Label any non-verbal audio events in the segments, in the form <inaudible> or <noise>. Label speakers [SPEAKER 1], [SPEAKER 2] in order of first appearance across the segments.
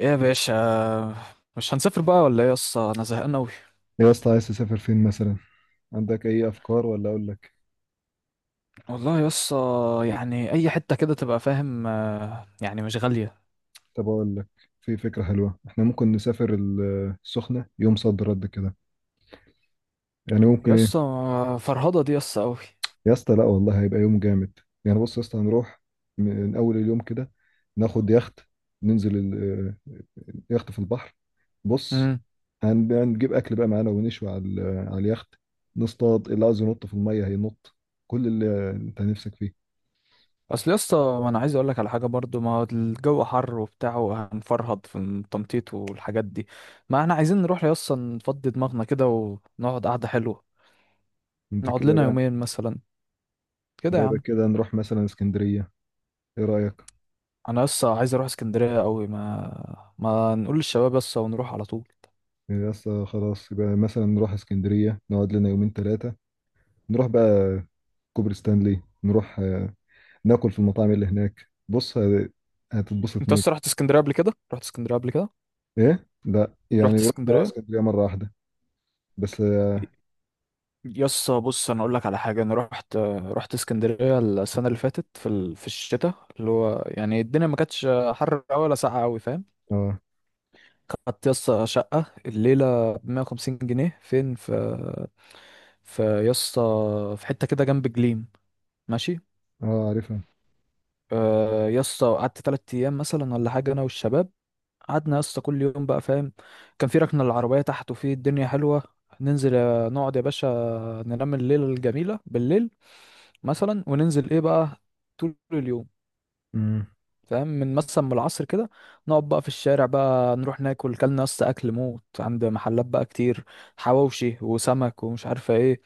[SPEAKER 1] ايه يا باشا؟ مش هنسافر بقى ولا ايه يسطا؟ انا زهقان اوي.
[SPEAKER 2] يا اسطى عايز تسافر فين مثلا؟ عندك اي افكار ولا اقول لك؟
[SPEAKER 1] والله يسطا يعني اي حته كده تبقى فاهم، آه، يعني مش غاليه.
[SPEAKER 2] طب اقول لك، في فكره حلوه احنا ممكن نسافر السخنه يوم صد رد كده. يعني ممكن ايه.
[SPEAKER 1] يسطا فرهضه دي يسطا اوي.
[SPEAKER 2] يا اسطى لا والله هيبقى يوم جامد. يعني بص يا اسطى، هنروح من اول اليوم كده، ناخد يخت، ننزل اليخت في البحر. بص،
[SPEAKER 1] امم
[SPEAKER 2] هنجيب اكل بقى معانا ونشوي على على اليخت. نصطاد، اللي عاوز ينط في الميه هينط، كل اللي انت نفسك فيه.
[SPEAKER 1] اصل يسطا ما انا عايز اقول لك على حاجه برضو، ما هو الجو حر وبتاع وهنفرهد في التنطيط والحاجات دي. ما احنا عايزين نروح يسطا نفضي دماغنا كده ونقعد قعده حلوه،
[SPEAKER 2] انت
[SPEAKER 1] نقعد
[SPEAKER 2] كده
[SPEAKER 1] لنا
[SPEAKER 2] بقى.
[SPEAKER 1] يومين مثلا، كده يا
[SPEAKER 2] لا، يبقى
[SPEAKER 1] عم.
[SPEAKER 2] كده نروح مثلا اسكندريه. ايه رايك؟
[SPEAKER 1] انا يسطا عايز اروح اسكندريه اوي، ما نقول للشباب يسطا ونروح على طول.
[SPEAKER 2] يعني يا اسطى خلاص، يبقى مثلا نروح اسكندرية نقعد لنا يومين ثلاثة. نروح بقى كوبري ستانلي، نروح، ناكل في المطاعم اللي هناك. بص هتتبسط
[SPEAKER 1] انت
[SPEAKER 2] هناك.
[SPEAKER 1] اصلا رحت اسكندريه قبل كده؟ رحت اسكندريه قبل كده؟
[SPEAKER 2] ايه لا، يعني
[SPEAKER 1] رحت
[SPEAKER 2] رحنا
[SPEAKER 1] اسكندريه؟
[SPEAKER 2] اسكندرية مرة واحدة بس. اه.
[SPEAKER 1] يس بص، انا اقول لك على حاجه. انا رحت اسكندريه السنه اللي فاتت في الشتاء، اللي هو يعني الدنيا ما كانتش حر قوي ولا ساقعه قوي، فاهم.
[SPEAKER 2] اه.
[SPEAKER 1] خدت يس شقه الليله ب 150 جنيه. فين في يس في حته كده جنب جليم، ماشي.
[SPEAKER 2] آه، عارفها.
[SPEAKER 1] آه، يا اسطى قعدت 3 ايام مثلا ولا حاجه، انا والشباب. قعدنا يا اسطى كل يوم بقى، فاهم. كان في ركنه العربيه تحت وفي الدنيا حلوه، ننزل آه، نقعد يا باشا، ننام الليله الجميله بالليل مثلا، وننزل ايه بقى طول اليوم.
[SPEAKER 2] امم.
[SPEAKER 1] فاهم، من مثلا من العصر كده نقعد بقى في الشارع بقى، نروح ناكل كلنا يا اسطى اكل موت عند محلات بقى كتير، حواوشي وسمك ومش عارفه ايه.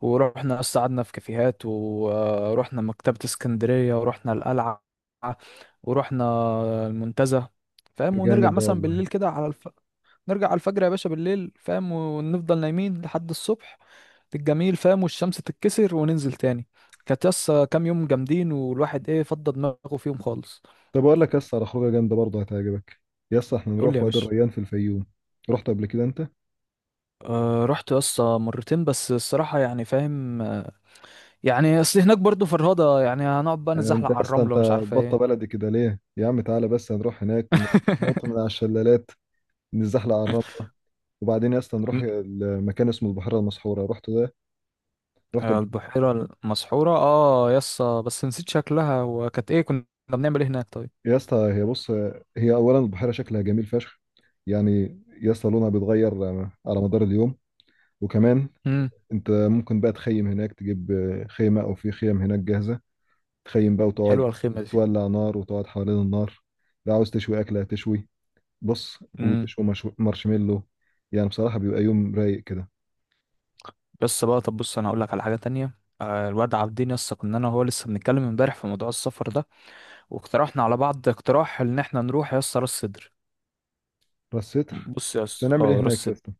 [SPEAKER 1] ورحنا أصلا قعدنا في كافيهات، ورحنا مكتبة اسكندرية، ورحنا القلعة، ورحنا المنتزه.
[SPEAKER 2] ده
[SPEAKER 1] فاهم،
[SPEAKER 2] جامد
[SPEAKER 1] ونرجع
[SPEAKER 2] ده
[SPEAKER 1] مثلا
[SPEAKER 2] والله.
[SPEAKER 1] بالليل كده نرجع على الفجر يا باشا بالليل، فاهم، ونفضل نايمين لحد الصبح الجميل، فاهم، والشمس تتكسر وننزل تاني. كانت يسا كام يوم جامدين، والواحد ايه فضى دماغه فيهم خالص.
[SPEAKER 2] طب اقول لك يا اسطى على خروجة جامدة برضه هتعجبك. يا اسطى احنا
[SPEAKER 1] قول لي
[SPEAKER 2] نروح
[SPEAKER 1] يا
[SPEAKER 2] وادي
[SPEAKER 1] باشا.
[SPEAKER 2] الريان في الفيوم. رحت قبل كده انت؟
[SPEAKER 1] أه رحت يسا مرتين بس، الصراحة يعني فاهم، آه، يعني اصل هناك برضو فرهضة، يعني هنقعد بقى نتزحلق
[SPEAKER 2] انت
[SPEAKER 1] على
[SPEAKER 2] اصلا
[SPEAKER 1] الرملة
[SPEAKER 2] انت
[SPEAKER 1] ومش عارفة
[SPEAKER 2] بطة
[SPEAKER 1] ايه.
[SPEAKER 2] بلدي كده ليه يا عم؟ تعالى بس هنروح هناك. ننط من على
[SPEAKER 1] <laughs>
[SPEAKER 2] الشلالات، نزحلق على الرمل، وبعدين يا اسطى نروح المكان اسمه البحيره المسحوره. رحت ده؟ رحت
[SPEAKER 1] آه،
[SPEAKER 2] قبل-
[SPEAKER 1] البحيرة المسحورة، اه يسا بس نسيت شكلها، وكانت ايه كنا بنعمل ايه هناك طيب؟
[SPEAKER 2] يا اسطى هي بص، هي اولا البحيره شكلها جميل فشخ. يعني يا اسطى لونها بيتغير على مدار اليوم. وكمان
[SPEAKER 1] امم
[SPEAKER 2] انت ممكن بقى تخيم هناك، تجيب خيمه او في خيم هناك جاهزه. تخيم بقى وتقعد.
[SPEAKER 1] حلوة الخيمة دي.
[SPEAKER 2] تولع نار وتقعد حوالين النار. لو عاوز تشوي اكله تشوي. بص
[SPEAKER 1] امم
[SPEAKER 2] وتشوي مارشميلو. يعني بصراحه بيبقى يوم رايق كده.
[SPEAKER 1] يسا بقى طب بص، انا هقول لك على حاجة تانية. آه، الواد عابدين يسا كنا انا وهو لسه بنتكلم امبارح في موضوع السفر ده، واقترحنا على بعض اقتراح ان احنا نروح يسا راس سدر.
[SPEAKER 2] بس ستر.
[SPEAKER 1] بص
[SPEAKER 2] بس
[SPEAKER 1] يسا،
[SPEAKER 2] هنعمل ايه
[SPEAKER 1] اه راس
[SPEAKER 2] هناك يا
[SPEAKER 1] سدر.
[SPEAKER 2] اسطى؟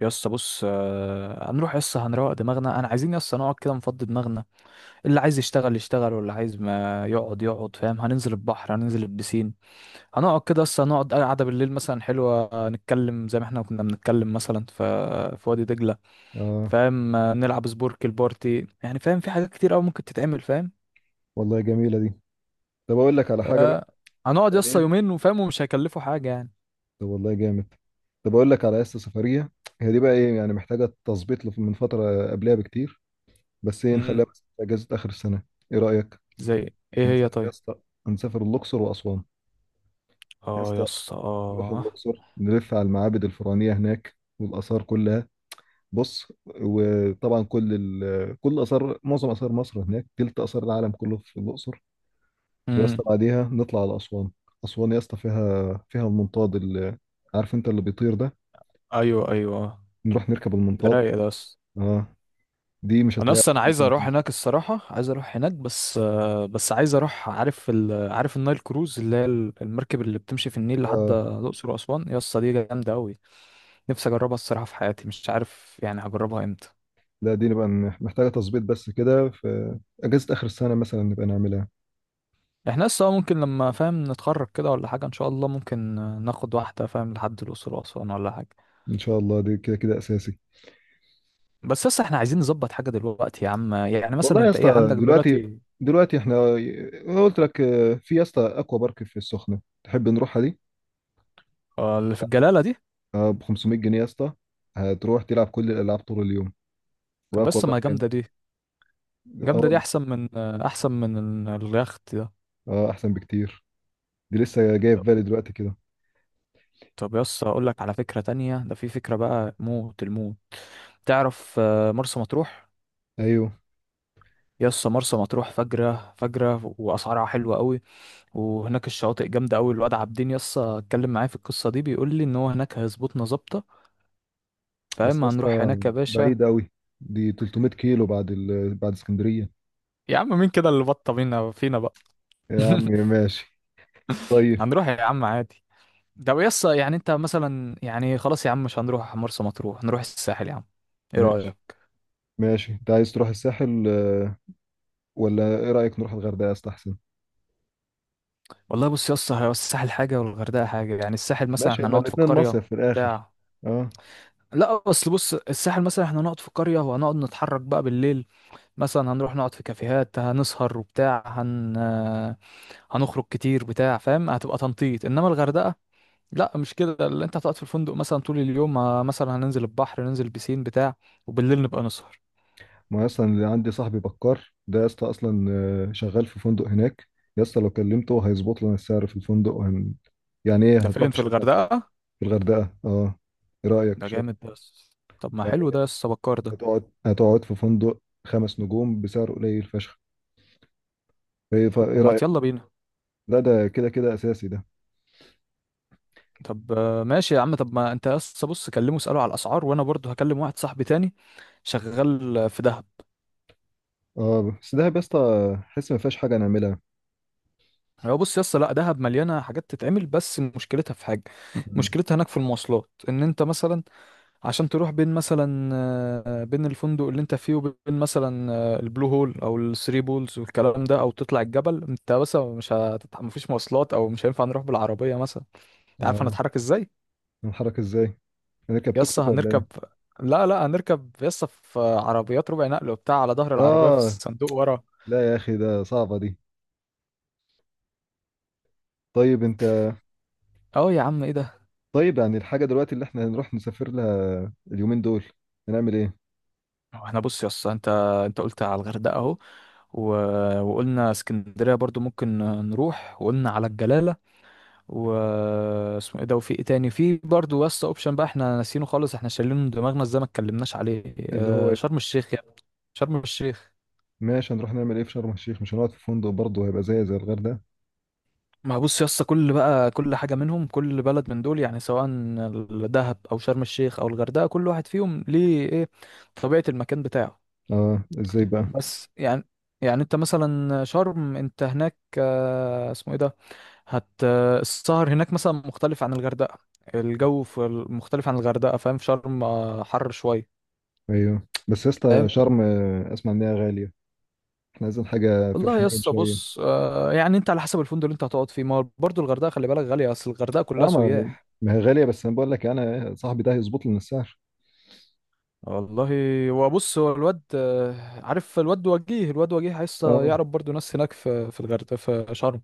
[SPEAKER 1] يسا بص آه، هنروح يسا هنروق دماغنا، انا عايزين يسا نقعد كده نفضي دماغنا. اللي عايز يشتغل يشتغل، واللي عايز ما يقعد يقعد، فاهم. هننزل البحر، هننزل البسين، هنقعد كده، اصلا نقعد قعده بالليل مثلا حلوه نتكلم زي ما احنا كنا بنتكلم مثلا في وادي دجله.
[SPEAKER 2] اه.
[SPEAKER 1] فاهم، نلعب سبورك البارتي، يعني فاهم في حاجات كتير قوي ممكن تتعمل، فاهم.
[SPEAKER 2] والله جميله دي. طب اقول لك على حاجه بقى.
[SPEAKER 1] آه. هنقعد
[SPEAKER 2] يعني
[SPEAKER 1] يسطا
[SPEAKER 2] إيه؟
[SPEAKER 1] يومين وفاهم، ومش هيكلفوا حاجه يعني.
[SPEAKER 2] طب والله جامد. طب اقول لك على قصه سفريه. هي دي بقى ايه، يعني محتاجه تظبيط، من فتره قبلها بكتير. بس ايه، نخليها
[SPEAKER 1] امم
[SPEAKER 2] بس في اجازه اخر السنه. ايه رايك؟
[SPEAKER 1] زي ايه هي
[SPEAKER 2] هنسافر يا
[SPEAKER 1] طيب؟
[SPEAKER 2] اسطى. هنسافر الاقصر واسوان. يا
[SPEAKER 1] اه
[SPEAKER 2] اسطى
[SPEAKER 1] يسطا
[SPEAKER 2] نروح
[SPEAKER 1] اه.
[SPEAKER 2] الاقصر نلف على المعابد الفرعونيه هناك والاثار كلها. بص، وطبعا كل اثار، معظم اثار مصر هناك، تلت اثار العالم كله في الاقصر. ويا اسطى
[SPEAKER 1] امم
[SPEAKER 2] بعديها نطلع على اسوان. اسوان يا اسطى فيها، المنطاد اللي، عارف انت اللي بيطير ده.
[SPEAKER 1] ايوه ايوه،
[SPEAKER 2] نروح نركب
[SPEAKER 1] ده
[SPEAKER 2] المنطاد.
[SPEAKER 1] رايق ده يسطا.
[SPEAKER 2] اه. دي مش
[SPEAKER 1] انا
[SPEAKER 2] هتلاقيها في
[SPEAKER 1] اصلا
[SPEAKER 2] مكان
[SPEAKER 1] عايز
[SPEAKER 2] تاني في
[SPEAKER 1] اروح
[SPEAKER 2] مصر.
[SPEAKER 1] هناك، الصراحه عايز اروح هناك، بس آه، بس عايز اروح عارف النايل كروز اللي هي المركب اللي بتمشي في النيل لحد
[SPEAKER 2] اه
[SPEAKER 1] الاقصر واسوان، يا اسطى دي جامده قوي. نفسي اجربها الصراحه، في حياتي مش عارف يعني هجربها امتى.
[SPEAKER 2] لا، دي نبقى محتاجة تظبيط بس كده، في أجازة آخر السنة مثلا نبقى نعملها.
[SPEAKER 1] احنا لسه ممكن لما فاهم نتخرج كده ولا حاجه ان شاء الله ممكن آه، ناخد واحده فاهم لحد الاقصر واسوان ولا حاجه.
[SPEAKER 2] إن شاء الله دي كده كده أساسي.
[SPEAKER 1] بس لسه احنا عايزين نظبط حاجه دلوقتي يا عم، يعني مثلا
[SPEAKER 2] والله يا
[SPEAKER 1] انت ايه
[SPEAKER 2] اسطى
[SPEAKER 1] عندك
[SPEAKER 2] دلوقتي
[SPEAKER 1] دلوقتي؟
[SPEAKER 2] دلوقتي احنا، أنا قلت لك، في يا اسطى أكوا بارك في السخنة، تحب نروحها دي؟
[SPEAKER 1] آه، اللي في الجلاله دي؟
[SPEAKER 2] ب 500 جنيه يا اسطى، هتروح تلعب كل الألعاب طول اليوم.
[SPEAKER 1] طب
[SPEAKER 2] وأكوا
[SPEAKER 1] بس ما
[SPEAKER 2] بارك يعني.
[SPEAKER 1] جامده دي،
[SPEAKER 2] اه
[SPEAKER 1] جامده دي
[SPEAKER 2] والله.
[SPEAKER 1] احسن من آه، احسن من اليخت ده.
[SPEAKER 2] اه أحسن بكتير. دي لسه جاية في بالي دلوقتي كده.
[SPEAKER 1] طب يس اقول لك على فكرة تانية، ده في فكرة بقى موت الموت. تعرف آه، مرسى مطروح.
[SPEAKER 2] أيوه
[SPEAKER 1] يس مرسى مطروح فجرة فجرة، واسعارها حلوة قوي، وهناك الشواطئ جامدة قوي. الواد عابدين يس اتكلم معايا في القصة دي، بيقول لي ان هو هناك هيظبطنا ظابطة.
[SPEAKER 2] بس يا
[SPEAKER 1] فاما هنروح
[SPEAKER 2] اسطى
[SPEAKER 1] هناك يا باشا.
[SPEAKER 2] بعيد أوي. دي 300 كيلو بعد بعد اسكندرية.
[SPEAKER 1] يا عم مين كده اللي بطة بينا فينا بقى؟
[SPEAKER 2] يا عم
[SPEAKER 1] <laughs>
[SPEAKER 2] ماشي. طيب.
[SPEAKER 1] هنروح يا عم عادي. ده يس يعني انت مثلا يعني، خلاص يا عم مش هنروح مرسى مطروح، هنروح الساحل يا عم. ايه
[SPEAKER 2] ماشي،
[SPEAKER 1] رأيك؟
[SPEAKER 2] ماشي، انت عايز تروح الساحل، ولا ايه رأيك نروح الغردقة استحسن؟
[SPEAKER 1] والله بص يا اسطى، هو الساحل حاجه والغردقه حاجه، يعني الساحل مثلا
[SPEAKER 2] ماشي،
[SPEAKER 1] احنا
[SPEAKER 2] هما
[SPEAKER 1] نقعد في
[SPEAKER 2] الاتنين
[SPEAKER 1] القريه
[SPEAKER 2] مصيف في الاخر.
[SPEAKER 1] بتاع.
[SPEAKER 2] اه.
[SPEAKER 1] لا بس بص، الساحل مثلا احنا نقعد في قريه، وهنقعد نتحرك بقى بالليل، مثلا هنروح نقعد في كافيهات، هنسهر وبتاع، هنخرج كتير بتاع، فاهم، هتبقى تنطيط. انما الغردقه لا مش كده، اللي انت هتقعد في الفندق مثلا طول اليوم، مثلا هننزل البحر، ننزل بسين بتاع، وبالليل نبقى نسهر.
[SPEAKER 2] ما اصلا اللي عندي صاحبي بكار ده يا اسطى، اصلا شغال في فندق هناك. يا اسطى لو كلمته هيظبط لنا السعر في الفندق، وهن... يعني ايه
[SPEAKER 1] ده
[SPEAKER 2] هتروح
[SPEAKER 1] فين؟ في
[SPEAKER 2] مش هتاكل.
[SPEAKER 1] الغردقه؟
[SPEAKER 2] في الغردقة اه. ايه رأيك
[SPEAKER 1] ده
[SPEAKER 2] شو؟
[SPEAKER 1] جامد بس. طب ما حلو ده
[SPEAKER 2] يعني
[SPEAKER 1] يا اسطى بكار ده.
[SPEAKER 2] هتقعد في فندق خمس نجوم بسعر قليل فشخ. ايه إيه
[SPEAKER 1] ما
[SPEAKER 2] رأيك؟
[SPEAKER 1] يلا بينا.
[SPEAKER 2] لا، ده كده كده اساسي ده.
[SPEAKER 1] طب آه، ماشي يا عم، طب ما انت يس بص كلمه اساله على الاسعار، وانا برضو هكلم واحد صاحبي تاني شغال في دهب.
[SPEAKER 2] اه، بس ده يا اسطى حس ما فيهاش حاجة نعملها.
[SPEAKER 1] هو بص يس، لا دهب مليانه حاجات تتعمل، بس مشكلتها في حاجه.
[SPEAKER 2] مم.
[SPEAKER 1] مشكلتها هناك في المواصلات، ان انت مثلا عشان تروح بين مثلا آه، بين الفندق اللي انت فيه وبين مثلا آه، البلو هول او الثري بولز والكلام ده، او تطلع الجبل، انت بس مش مفيش مواصلات، او مش هينفع نروح بالعربيه مثلا. انت عارف
[SPEAKER 2] اه.
[SPEAKER 1] هنتحرك ازاي؟
[SPEAKER 2] نتحرك ازاي، نركب توك
[SPEAKER 1] يسا
[SPEAKER 2] توك ولا ايه؟
[SPEAKER 1] هنركب، لا هنركب يسا في عربيات ربع نقل وبتاع، على ظهر العربية في
[SPEAKER 2] اه
[SPEAKER 1] الصندوق ورا.
[SPEAKER 2] لا يا اخي، ده صعبة دي. طيب انت.
[SPEAKER 1] اه يا عم ايه ده؟
[SPEAKER 2] طيب يعني الحاجة دلوقتي اللي احنا هنروح نسافر لها اليومين دول، هنعمل ايه؟
[SPEAKER 1] هو احنا بص يسا، انت قلت على الغردقة اهو، و... وقلنا اسكندرية برضو ممكن نروح، وقلنا على الجلالة، و اسمه ايه ده، وفي ايه تاني، في برضو يسا اوبشن بقى احنا ناسينه خالص، احنا شايلينه من دماغنا ازاي، ما اتكلمناش عليه،
[SPEAKER 2] اللي هو
[SPEAKER 1] آه،
[SPEAKER 2] إيه؟
[SPEAKER 1] شرم الشيخ يا ابني. شرم الشيخ.
[SPEAKER 2] ماشي، هنروح نعمل ايه في شرم الشيخ؟ مش هنقعد في فندق برضه، هيبقى زي الغردقة.
[SPEAKER 1] ما بص يا اسطى، كل بقى كل حاجه منهم، كل بلد من دول يعني سواء دهب او شرم الشيخ او الغردقه، كل واحد فيهم ليه ايه، طبيعه المكان بتاعه.
[SPEAKER 2] اه، ازاي بقى؟
[SPEAKER 1] بس يعني، يعني انت مثلا شرم انت هناك آه، اسمه ايه ده، هت آه، السهر هناك مثلا مختلف عن الغردقه، الجو مختلف عن الغردقه، فاهم، في شرم آه، حر شويه.
[SPEAKER 2] ايوه بس يا اسطى
[SPEAKER 1] فاهم.
[SPEAKER 2] شرم، اسمع ان هي غالية. احنا عايزين حاجة في
[SPEAKER 1] والله يا
[SPEAKER 2] الحنين
[SPEAKER 1] اسطى
[SPEAKER 2] شوية.
[SPEAKER 1] بص آه، يعني انت على حسب الفندق اللي انت هتقعد فيه، ما برضه الغردقه خلي بالك غاليه، اصل الغردقه كلها
[SPEAKER 2] اه، ما
[SPEAKER 1] سياح.
[SPEAKER 2] ما هي غالية، بس انا بقول لك انا صاحبي ده هيظبط لنا السعر.
[SPEAKER 1] والله هو بص، هو الواد آه، عارف الواد وجيه، لسه
[SPEAKER 2] اه.
[SPEAKER 1] يعرف برضو ناس هناك في الغردقه في شرم.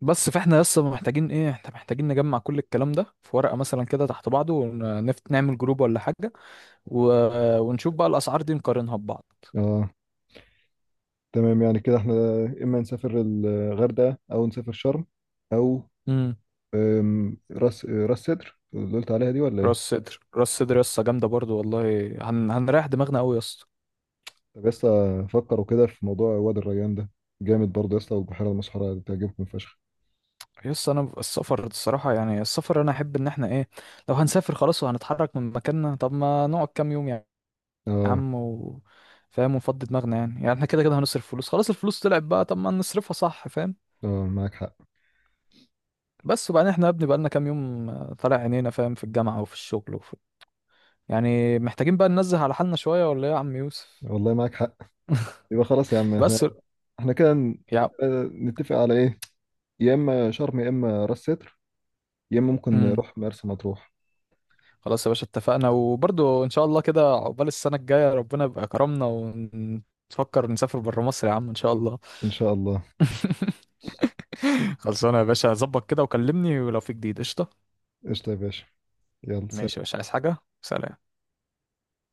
[SPEAKER 1] بس فاحنا لسه محتاجين ايه، احنا محتاجين نجمع كل الكلام ده في ورقه مثلا كده تحت بعضه، ونفت نعمل جروب ولا حاجه، و... ونشوف بقى الاسعار دي نقارنها ببعض.
[SPEAKER 2] اه تمام. يعني كده احنا اما نسافر الغردقة، او نسافر شرم، او
[SPEAKER 1] امم
[SPEAKER 2] راس سدر اللي قلت عليها دي، ولا ايه؟
[SPEAKER 1] راس صدر، راس صدر لسه جامده برضو والله. هنريح دماغنا قوي يا اسطى.
[SPEAKER 2] طب يا اسطى فكروا كده في موضوع وادي الريان ده، جامد برضه يا اسطى، والبحيرة المسحورة تعجبكم فشخ.
[SPEAKER 1] يس انا السفر الصراحه، يعني السفر انا احب ان احنا ايه، لو هنسافر خلاص وهنتحرك من مكاننا طب ما نقعد كام يوم يعني. يا
[SPEAKER 2] اه.
[SPEAKER 1] عم، فاهم ونفضي دماغنا يعني، يعني احنا كده كده هنصرف فلوس خلاص، الفلوس طلعت بقى، طب ما نصرفها صح فاهم.
[SPEAKER 2] اه معاك حق.
[SPEAKER 1] بس وبعدين احنا يا ابني بقالنا كام يوم آه، طالع عينينا فاهم في الجامعة وفي الشغل يعني محتاجين بقى ننزه على حالنا شوية ولا ايه يا عم يوسف.
[SPEAKER 2] والله معاك حق.
[SPEAKER 1] <laughs>
[SPEAKER 2] يبقى خلاص يا عم،
[SPEAKER 1] بس
[SPEAKER 2] احنا، احنا كده
[SPEAKER 1] يا
[SPEAKER 2] نتفق على ايه. يا اما شرم، يا اما راس سدر، يا اما ممكن
[SPEAKER 1] امم
[SPEAKER 2] نروح مرسى مطروح.
[SPEAKER 1] خلاص يا باشا اتفقنا، وبرضو ان شاء الله كده عقبال السنة الجاية ربنا يبقى كرمنا، ونفكر نسافر بره مصر يا عم ان شاء الله.
[SPEAKER 2] ان شاء الله.
[SPEAKER 1] <laughs> خلصانة يا باشا، ظبط كده وكلمني ولو في جديد، قشطة.
[SPEAKER 2] قشطة يا باشا، يلا
[SPEAKER 1] ماشي
[SPEAKER 2] سلام.
[SPEAKER 1] يا باشا، عايز حاجة؟ سلام.